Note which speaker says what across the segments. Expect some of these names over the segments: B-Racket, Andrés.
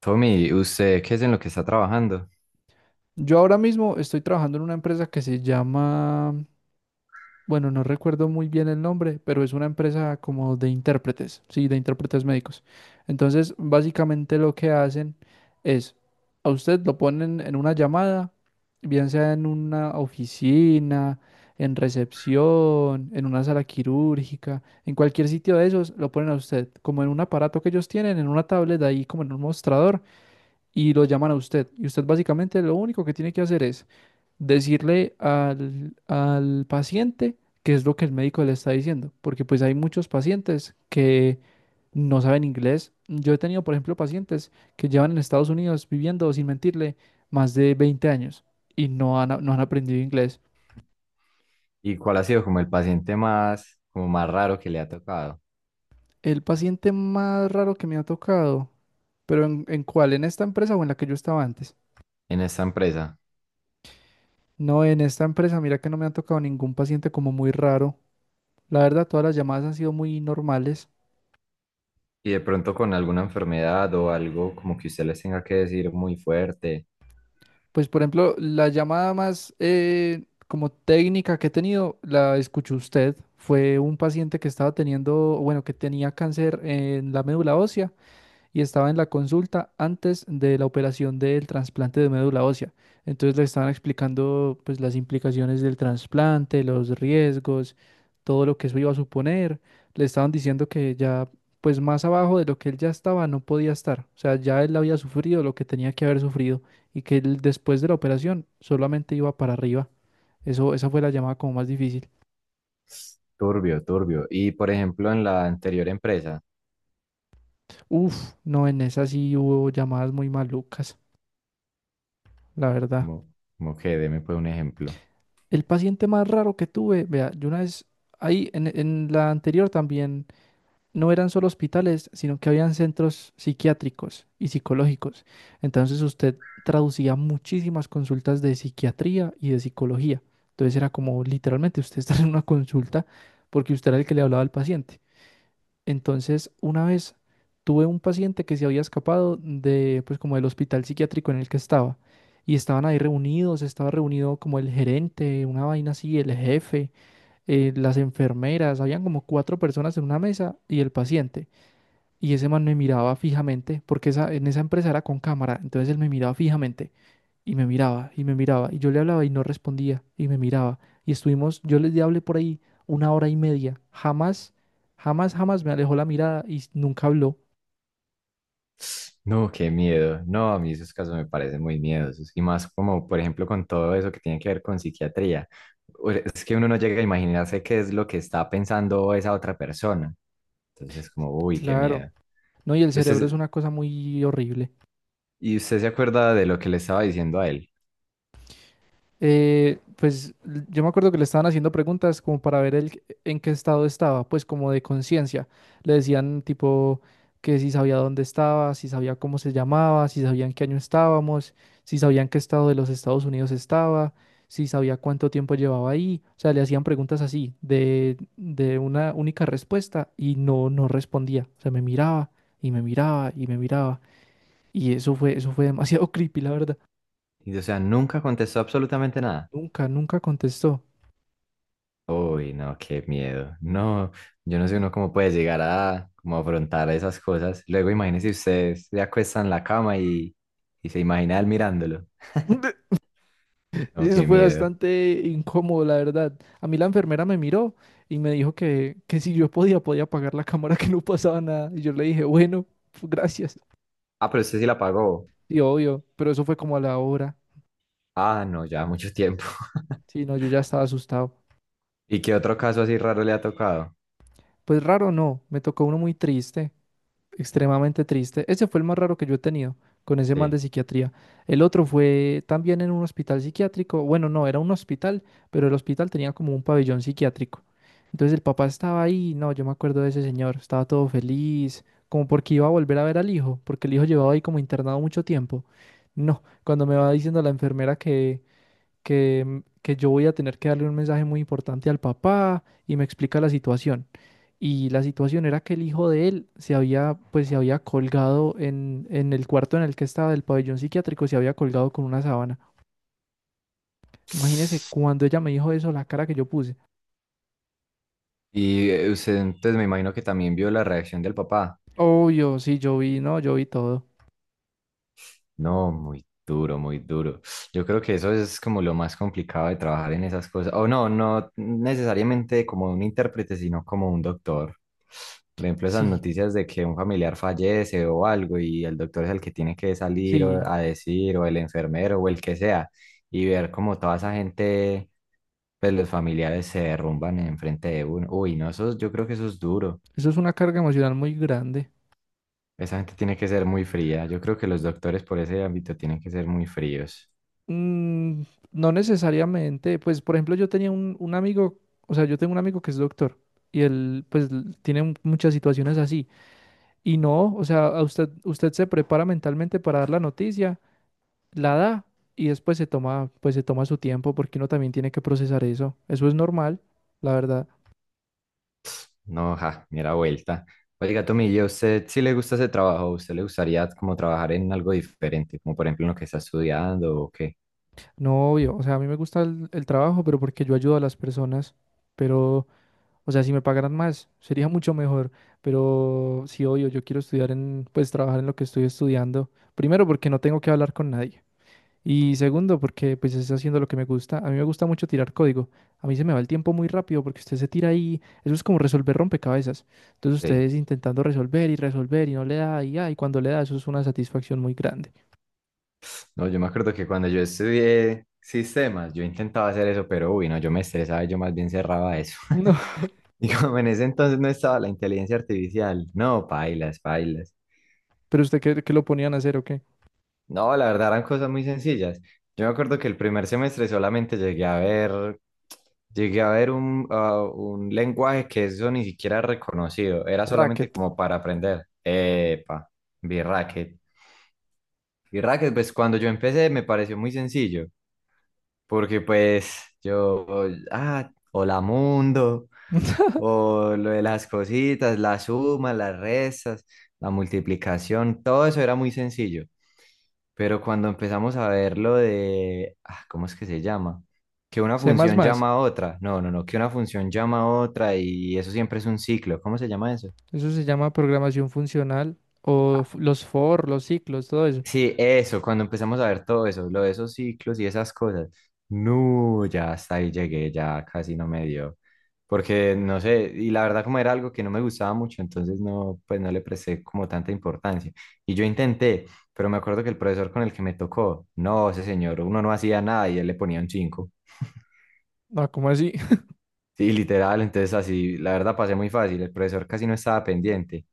Speaker 1: Tommy, ¿usted qué es en lo que está trabajando?
Speaker 2: Yo ahora mismo estoy trabajando en una empresa que se llama, bueno, no recuerdo muy bien el nombre, pero es una empresa como de intérpretes, sí, de intérpretes médicos. Entonces, básicamente lo que hacen es, a usted lo ponen en una llamada, bien sea en una oficina, en recepción, en una sala quirúrgica, en cualquier sitio de esos, lo ponen a usted, como en un aparato que ellos tienen, en una tablet ahí, como en un mostrador, y lo llaman a usted. Y usted básicamente lo único que tiene que hacer es decirle al paciente qué es lo que el médico le está diciendo, porque pues hay muchos pacientes que no saben inglés. Yo he tenido, por ejemplo, pacientes que llevan en Estados Unidos viviendo, sin mentirle, más de 20 años y no han aprendido inglés.
Speaker 1: ¿Y cuál ha sido como el paciente más, como más raro que le ha tocado
Speaker 2: El paciente más raro que me ha tocado, pero en cuál? ¿En esta empresa o en la que yo estaba antes?
Speaker 1: en esta empresa?
Speaker 2: No, en esta empresa, mira que no me ha tocado ningún paciente como muy raro. La verdad, todas las llamadas han sido muy normales.
Speaker 1: Y de pronto con alguna enfermedad o algo como que usted les tenga que decir muy fuerte,
Speaker 2: Pues, por ejemplo, la llamada más como técnica que he tenido, la escuchó usted. Fue un paciente que estaba teniendo, bueno, que tenía cáncer en la médula ósea y estaba en la consulta antes de la operación del trasplante de médula ósea. Entonces le estaban explicando pues las implicaciones del trasplante, los riesgos, todo lo que eso iba a suponer. Le estaban diciendo que ya pues más abajo de lo que él ya estaba no podía estar. O sea, ya él había sufrido lo que tenía que haber sufrido y que él después de la operación solamente iba para arriba. Eso, esa fue la llamada como más difícil.
Speaker 1: turbio, turbio. Y por ejemplo en la anterior empresa,
Speaker 2: Uf, no, en esa sí hubo llamadas muy malucas, la verdad.
Speaker 1: como, como que deme pues un ejemplo.
Speaker 2: El paciente más raro que tuve, vea, yo una vez ahí en la anterior también no eran solo hospitales, sino que habían centros psiquiátricos y psicológicos. Entonces usted traducía muchísimas consultas de psiquiatría y de psicología. Entonces era como literalmente usted estar en una consulta porque usted era el que le hablaba al paciente. Entonces, una vez tuve un paciente que se había escapado de, pues, como del hospital psiquiátrico en el que estaba. Y estaban ahí reunidos, estaba reunido como el gerente, una vaina así, el jefe, las enfermeras, habían como 4 personas en una mesa y el paciente. Y ese man me miraba fijamente, porque esa, en esa empresa era con cámara, entonces él me miraba fijamente. Y me miraba, y me miraba, y yo le hablaba y no respondía, y me miraba. Y estuvimos, yo le hablé por ahí una hora y media. Jamás, jamás, jamás me alejó la mirada y nunca habló.
Speaker 1: No, qué miedo. No, a mí esos casos me parecen muy miedosos. Y más como por ejemplo con todo eso que tiene que ver con psiquiatría. Es que uno no llega a imaginarse qué es lo que está pensando esa otra persona. Entonces, como, uy, qué
Speaker 2: Claro.
Speaker 1: miedo.
Speaker 2: No, y el
Speaker 1: Y
Speaker 2: cerebro es
Speaker 1: usted,
Speaker 2: una cosa muy horrible.
Speaker 1: y usted se acuerda de lo que le estaba diciendo a él.
Speaker 2: Yo me acuerdo que le estaban haciendo preguntas como para ver el, en qué estado estaba, pues como de conciencia. Le decían tipo que si sabía dónde estaba, si sabía cómo se llamaba, si sabía en qué año estábamos, si sabía en qué estado de los Estados Unidos estaba, si sabía cuánto tiempo llevaba ahí. O sea, le hacían preguntas así, de una única respuesta y no respondía. O sea, me miraba y me miraba. Y eso fue demasiado creepy, la verdad.
Speaker 1: Y, o sea, nunca contestó absolutamente nada.
Speaker 2: Nunca, nunca contestó.
Speaker 1: Uy, no, qué miedo. No, yo no sé uno cómo puede llegar a como afrontar esas cosas. Luego, imagínese usted se acuesta en la cama y se imagina él mirándolo. No,
Speaker 2: Eso
Speaker 1: qué
Speaker 2: fue
Speaker 1: miedo.
Speaker 2: bastante incómodo, la verdad. A mí la enfermera me miró y me dijo que si yo podía, podía apagar la cámara, que no pasaba nada. Y yo le dije, bueno, pues, gracias.
Speaker 1: Ah, pero usted sí la pagó.
Speaker 2: Y obvio, pero eso fue como a la hora.
Speaker 1: Ah, no, ya mucho tiempo.
Speaker 2: Sí, no, yo ya estaba asustado.
Speaker 1: ¿Y qué otro caso así raro le ha tocado?
Speaker 2: Pues raro, no, me tocó uno muy triste. Extremadamente triste. Ese fue el más raro que yo he tenido con ese man de
Speaker 1: Sí.
Speaker 2: psiquiatría. El otro fue también en un hospital psiquiátrico. Bueno, no, era un hospital, pero el hospital tenía como un pabellón psiquiátrico. Entonces el papá estaba ahí, no, yo me acuerdo de ese señor, estaba todo feliz, como porque iba a volver a ver al hijo, porque el hijo llevaba ahí como internado mucho tiempo. No, cuando me va diciendo la enfermera que yo voy a tener que darle un mensaje muy importante al papá y me explica la situación. Y la situación era que el hijo de él se había, pues se había colgado en el cuarto en el que estaba del pabellón psiquiátrico, se había colgado con una sábana. Imagínese cuando ella me dijo eso, la cara que yo puse.
Speaker 1: Y usted, entonces me imagino que también vio la reacción del papá.
Speaker 2: Obvio, sí, yo vi, no, yo vi todo.
Speaker 1: No, muy duro, muy duro. Yo creo que eso es como lo más complicado de trabajar en esas cosas. O no, no necesariamente como un intérprete, sino como un doctor. Por ejemplo, esas
Speaker 2: Sí,
Speaker 1: noticias de que un familiar fallece o algo y el doctor es el que tiene que salir
Speaker 2: sí,
Speaker 1: a decir, o el enfermero o el que sea, y ver como toda esa gente, pues los familiares se derrumban enfrente de uno. Uy, no, eso, yo creo que eso es duro.
Speaker 2: eso es una carga emocional muy grande.
Speaker 1: Esa gente tiene que ser muy fría. Yo creo que los doctores por ese ámbito tienen que ser muy fríos.
Speaker 2: Mm, no necesariamente, pues por ejemplo yo tenía un amigo, o sea, yo tengo un amigo que es doctor y él tiene muchas situaciones así y no, o sea, a usted, usted se prepara mentalmente para dar la noticia, la da y después se toma, pues se toma su tiempo porque uno también tiene que procesar eso, eso es normal, la verdad.
Speaker 1: No, ja, mira vuelta. Oiga, Tomillo, ¿usted sí le gusta ese trabajo? ¿Usted le gustaría como trabajar en algo diferente, como por ejemplo en lo que está estudiando o qué?
Speaker 2: No, obvio, o sea, a mí me gusta el trabajo, pero porque yo ayudo a las personas, pero... O sea, si me pagaran más, sería mucho mejor. Pero sí, obvio, yo quiero estudiar en, pues trabajar en lo que estoy estudiando. Primero, porque no tengo que hablar con nadie. Y segundo, porque pues estoy haciendo lo que me gusta. A mí me gusta mucho tirar código. A mí se me va el tiempo muy rápido porque usted se tira ahí. Eso es como resolver rompecabezas. Entonces
Speaker 1: Sí.
Speaker 2: ustedes intentando resolver y resolver y no le da y, ya, y cuando le da, eso es una satisfacción muy grande.
Speaker 1: No, yo me acuerdo que cuando yo estudié sistemas, yo intentaba hacer eso, pero uy, no, yo me estresaba, yo más bien cerraba eso.
Speaker 2: No,
Speaker 1: Y como en ese entonces no estaba la inteligencia artificial, no, pailas, pailas.
Speaker 2: pero usted qué, qué lo ponían a hacer o qué?
Speaker 1: No, la verdad eran cosas muy sencillas. Yo me acuerdo que el primer semestre solamente llegué a ver un lenguaje que eso ni siquiera era reconocido, era solamente
Speaker 2: Racket.
Speaker 1: como para aprender. Epa, B-Racket. B-Racket, pues cuando yo empecé me pareció muy sencillo, porque pues yo, hola mundo, o lo de las cositas, las sumas, las restas, la multiplicación, todo eso era muy sencillo. Pero cuando empezamos a ver lo de, ¿cómo es que se llama? Que una
Speaker 2: C++.
Speaker 1: función llama a otra. No, no, no, que una función llama a otra y eso siempre es un ciclo. ¿Cómo se llama eso?
Speaker 2: Eso se llama programación funcional
Speaker 1: Ah,
Speaker 2: los for, los ciclos, todo eso.
Speaker 1: sí, eso, cuando empezamos a ver todo eso, lo de esos ciclos y esas cosas. No, ya hasta ahí llegué, ya casi no me dio. Porque no sé, y la verdad como era algo que no me gustaba mucho, entonces no, pues no le presté como tanta importancia. Y yo intenté, pero me acuerdo que el profesor con el que me tocó, no, ese señor, uno no hacía nada y él le ponía un 5.
Speaker 2: Ah, ¿cómo así?
Speaker 1: Sí, literal, entonces así, la verdad pasé muy fácil, el profesor casi no estaba pendiente.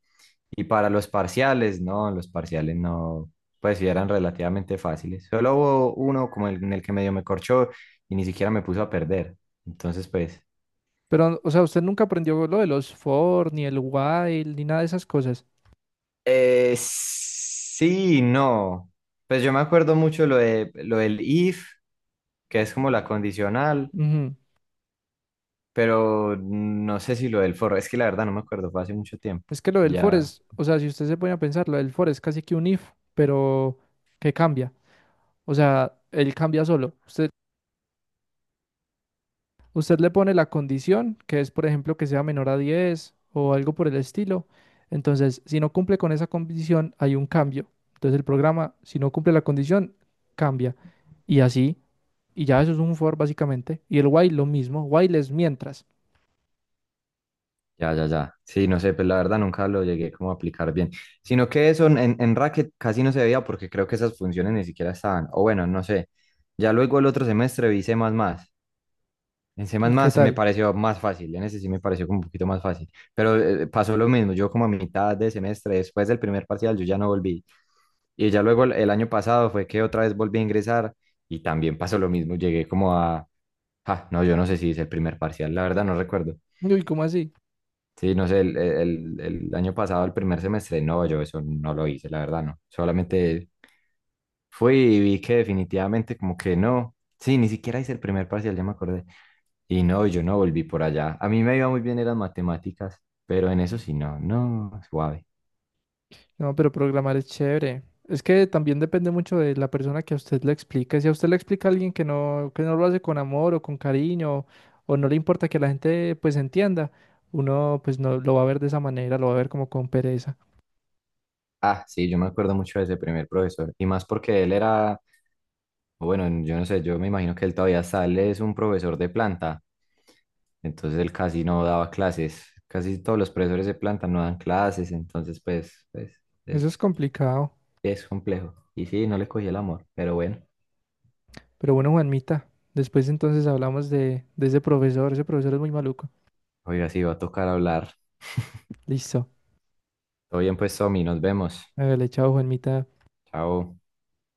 Speaker 1: Y para los parciales no, pues sí eran relativamente fáciles. Solo hubo uno como el, en el que medio me corchó y ni siquiera me puso a perder. Entonces, pues,
Speaker 2: Pero, o sea, usted nunca aprendió lo de los for, ni el while, ni nada de esas cosas.
Speaker 1: sí, no. Pues yo me acuerdo mucho lo del if, que es como la condicional,
Speaker 2: Ujú.
Speaker 1: pero no sé si lo del for, es que la verdad no me acuerdo, fue hace mucho tiempo.
Speaker 2: Es que lo del for
Speaker 1: Ya.
Speaker 2: es, o sea, si usted se pone a pensar, lo del for es casi que un if, pero que cambia. O sea, él cambia solo. Usted, usted le pone la condición, que es, por ejemplo, que sea menor a 10 o algo por el estilo. Entonces, si no cumple con esa condición, hay un cambio. Entonces, el programa, si no cumple la condición, cambia. Y así, y ya eso es un for básicamente. Y el while lo mismo, while es mientras.
Speaker 1: Ya, ya, ya. Sí, no sé, pues la verdad nunca lo llegué como a aplicar bien. Sino que eso en Racket casi no se veía porque creo que esas funciones ni siquiera estaban. O bueno, no sé. Ya luego el otro semestre vi C++. En C++
Speaker 2: ¿Y qué
Speaker 1: me
Speaker 2: tal?
Speaker 1: pareció más fácil. En ese sí me pareció como un poquito más fácil. Pero pasó lo mismo. Yo como a mitad de semestre, después del primer parcial, yo ya no volví. Y ya luego el año pasado fue que otra vez volví a ingresar y también pasó lo mismo. Llegué como a... Ah, no, yo no sé si hice el primer parcial. La verdad no recuerdo.
Speaker 2: Uy, ¿cómo así?
Speaker 1: Sí, no sé, el año pasado, el primer semestre, no, yo eso no lo hice, la verdad, no. Solamente fui y vi que definitivamente como que no. Sí, ni siquiera hice el primer parcial, ya me acordé. Y no, yo no volví por allá. A mí me iba muy bien en las matemáticas, pero en eso sí, no, no, suave.
Speaker 2: No, pero programar es chévere. Es que también depende mucho de la persona que a usted le explique. Si a usted le explica a alguien que no lo hace con amor o con cariño, o no le importa que la gente pues entienda, uno pues no lo va a ver de esa manera, lo va a ver como con pereza.
Speaker 1: Ah, sí, yo me acuerdo mucho de ese primer profesor. Y más porque él era, o bueno, yo no sé, yo me imagino que él todavía sale, es un profesor de planta, entonces él casi no daba clases, casi todos los profesores de planta no dan clases, entonces pues es,
Speaker 2: Eso es complicado.
Speaker 1: es complejo. Y sí, no le cogí el amor, pero bueno,
Speaker 2: Pero bueno, Juanmita, después entonces hablamos de ese profesor. Ese profesor es muy maluco.
Speaker 1: oiga, sí, va a tocar hablar.
Speaker 2: Listo.
Speaker 1: Todo bien pues, Tommy, nos vemos.
Speaker 2: Hágale, chao, Juanmita.
Speaker 1: Chao.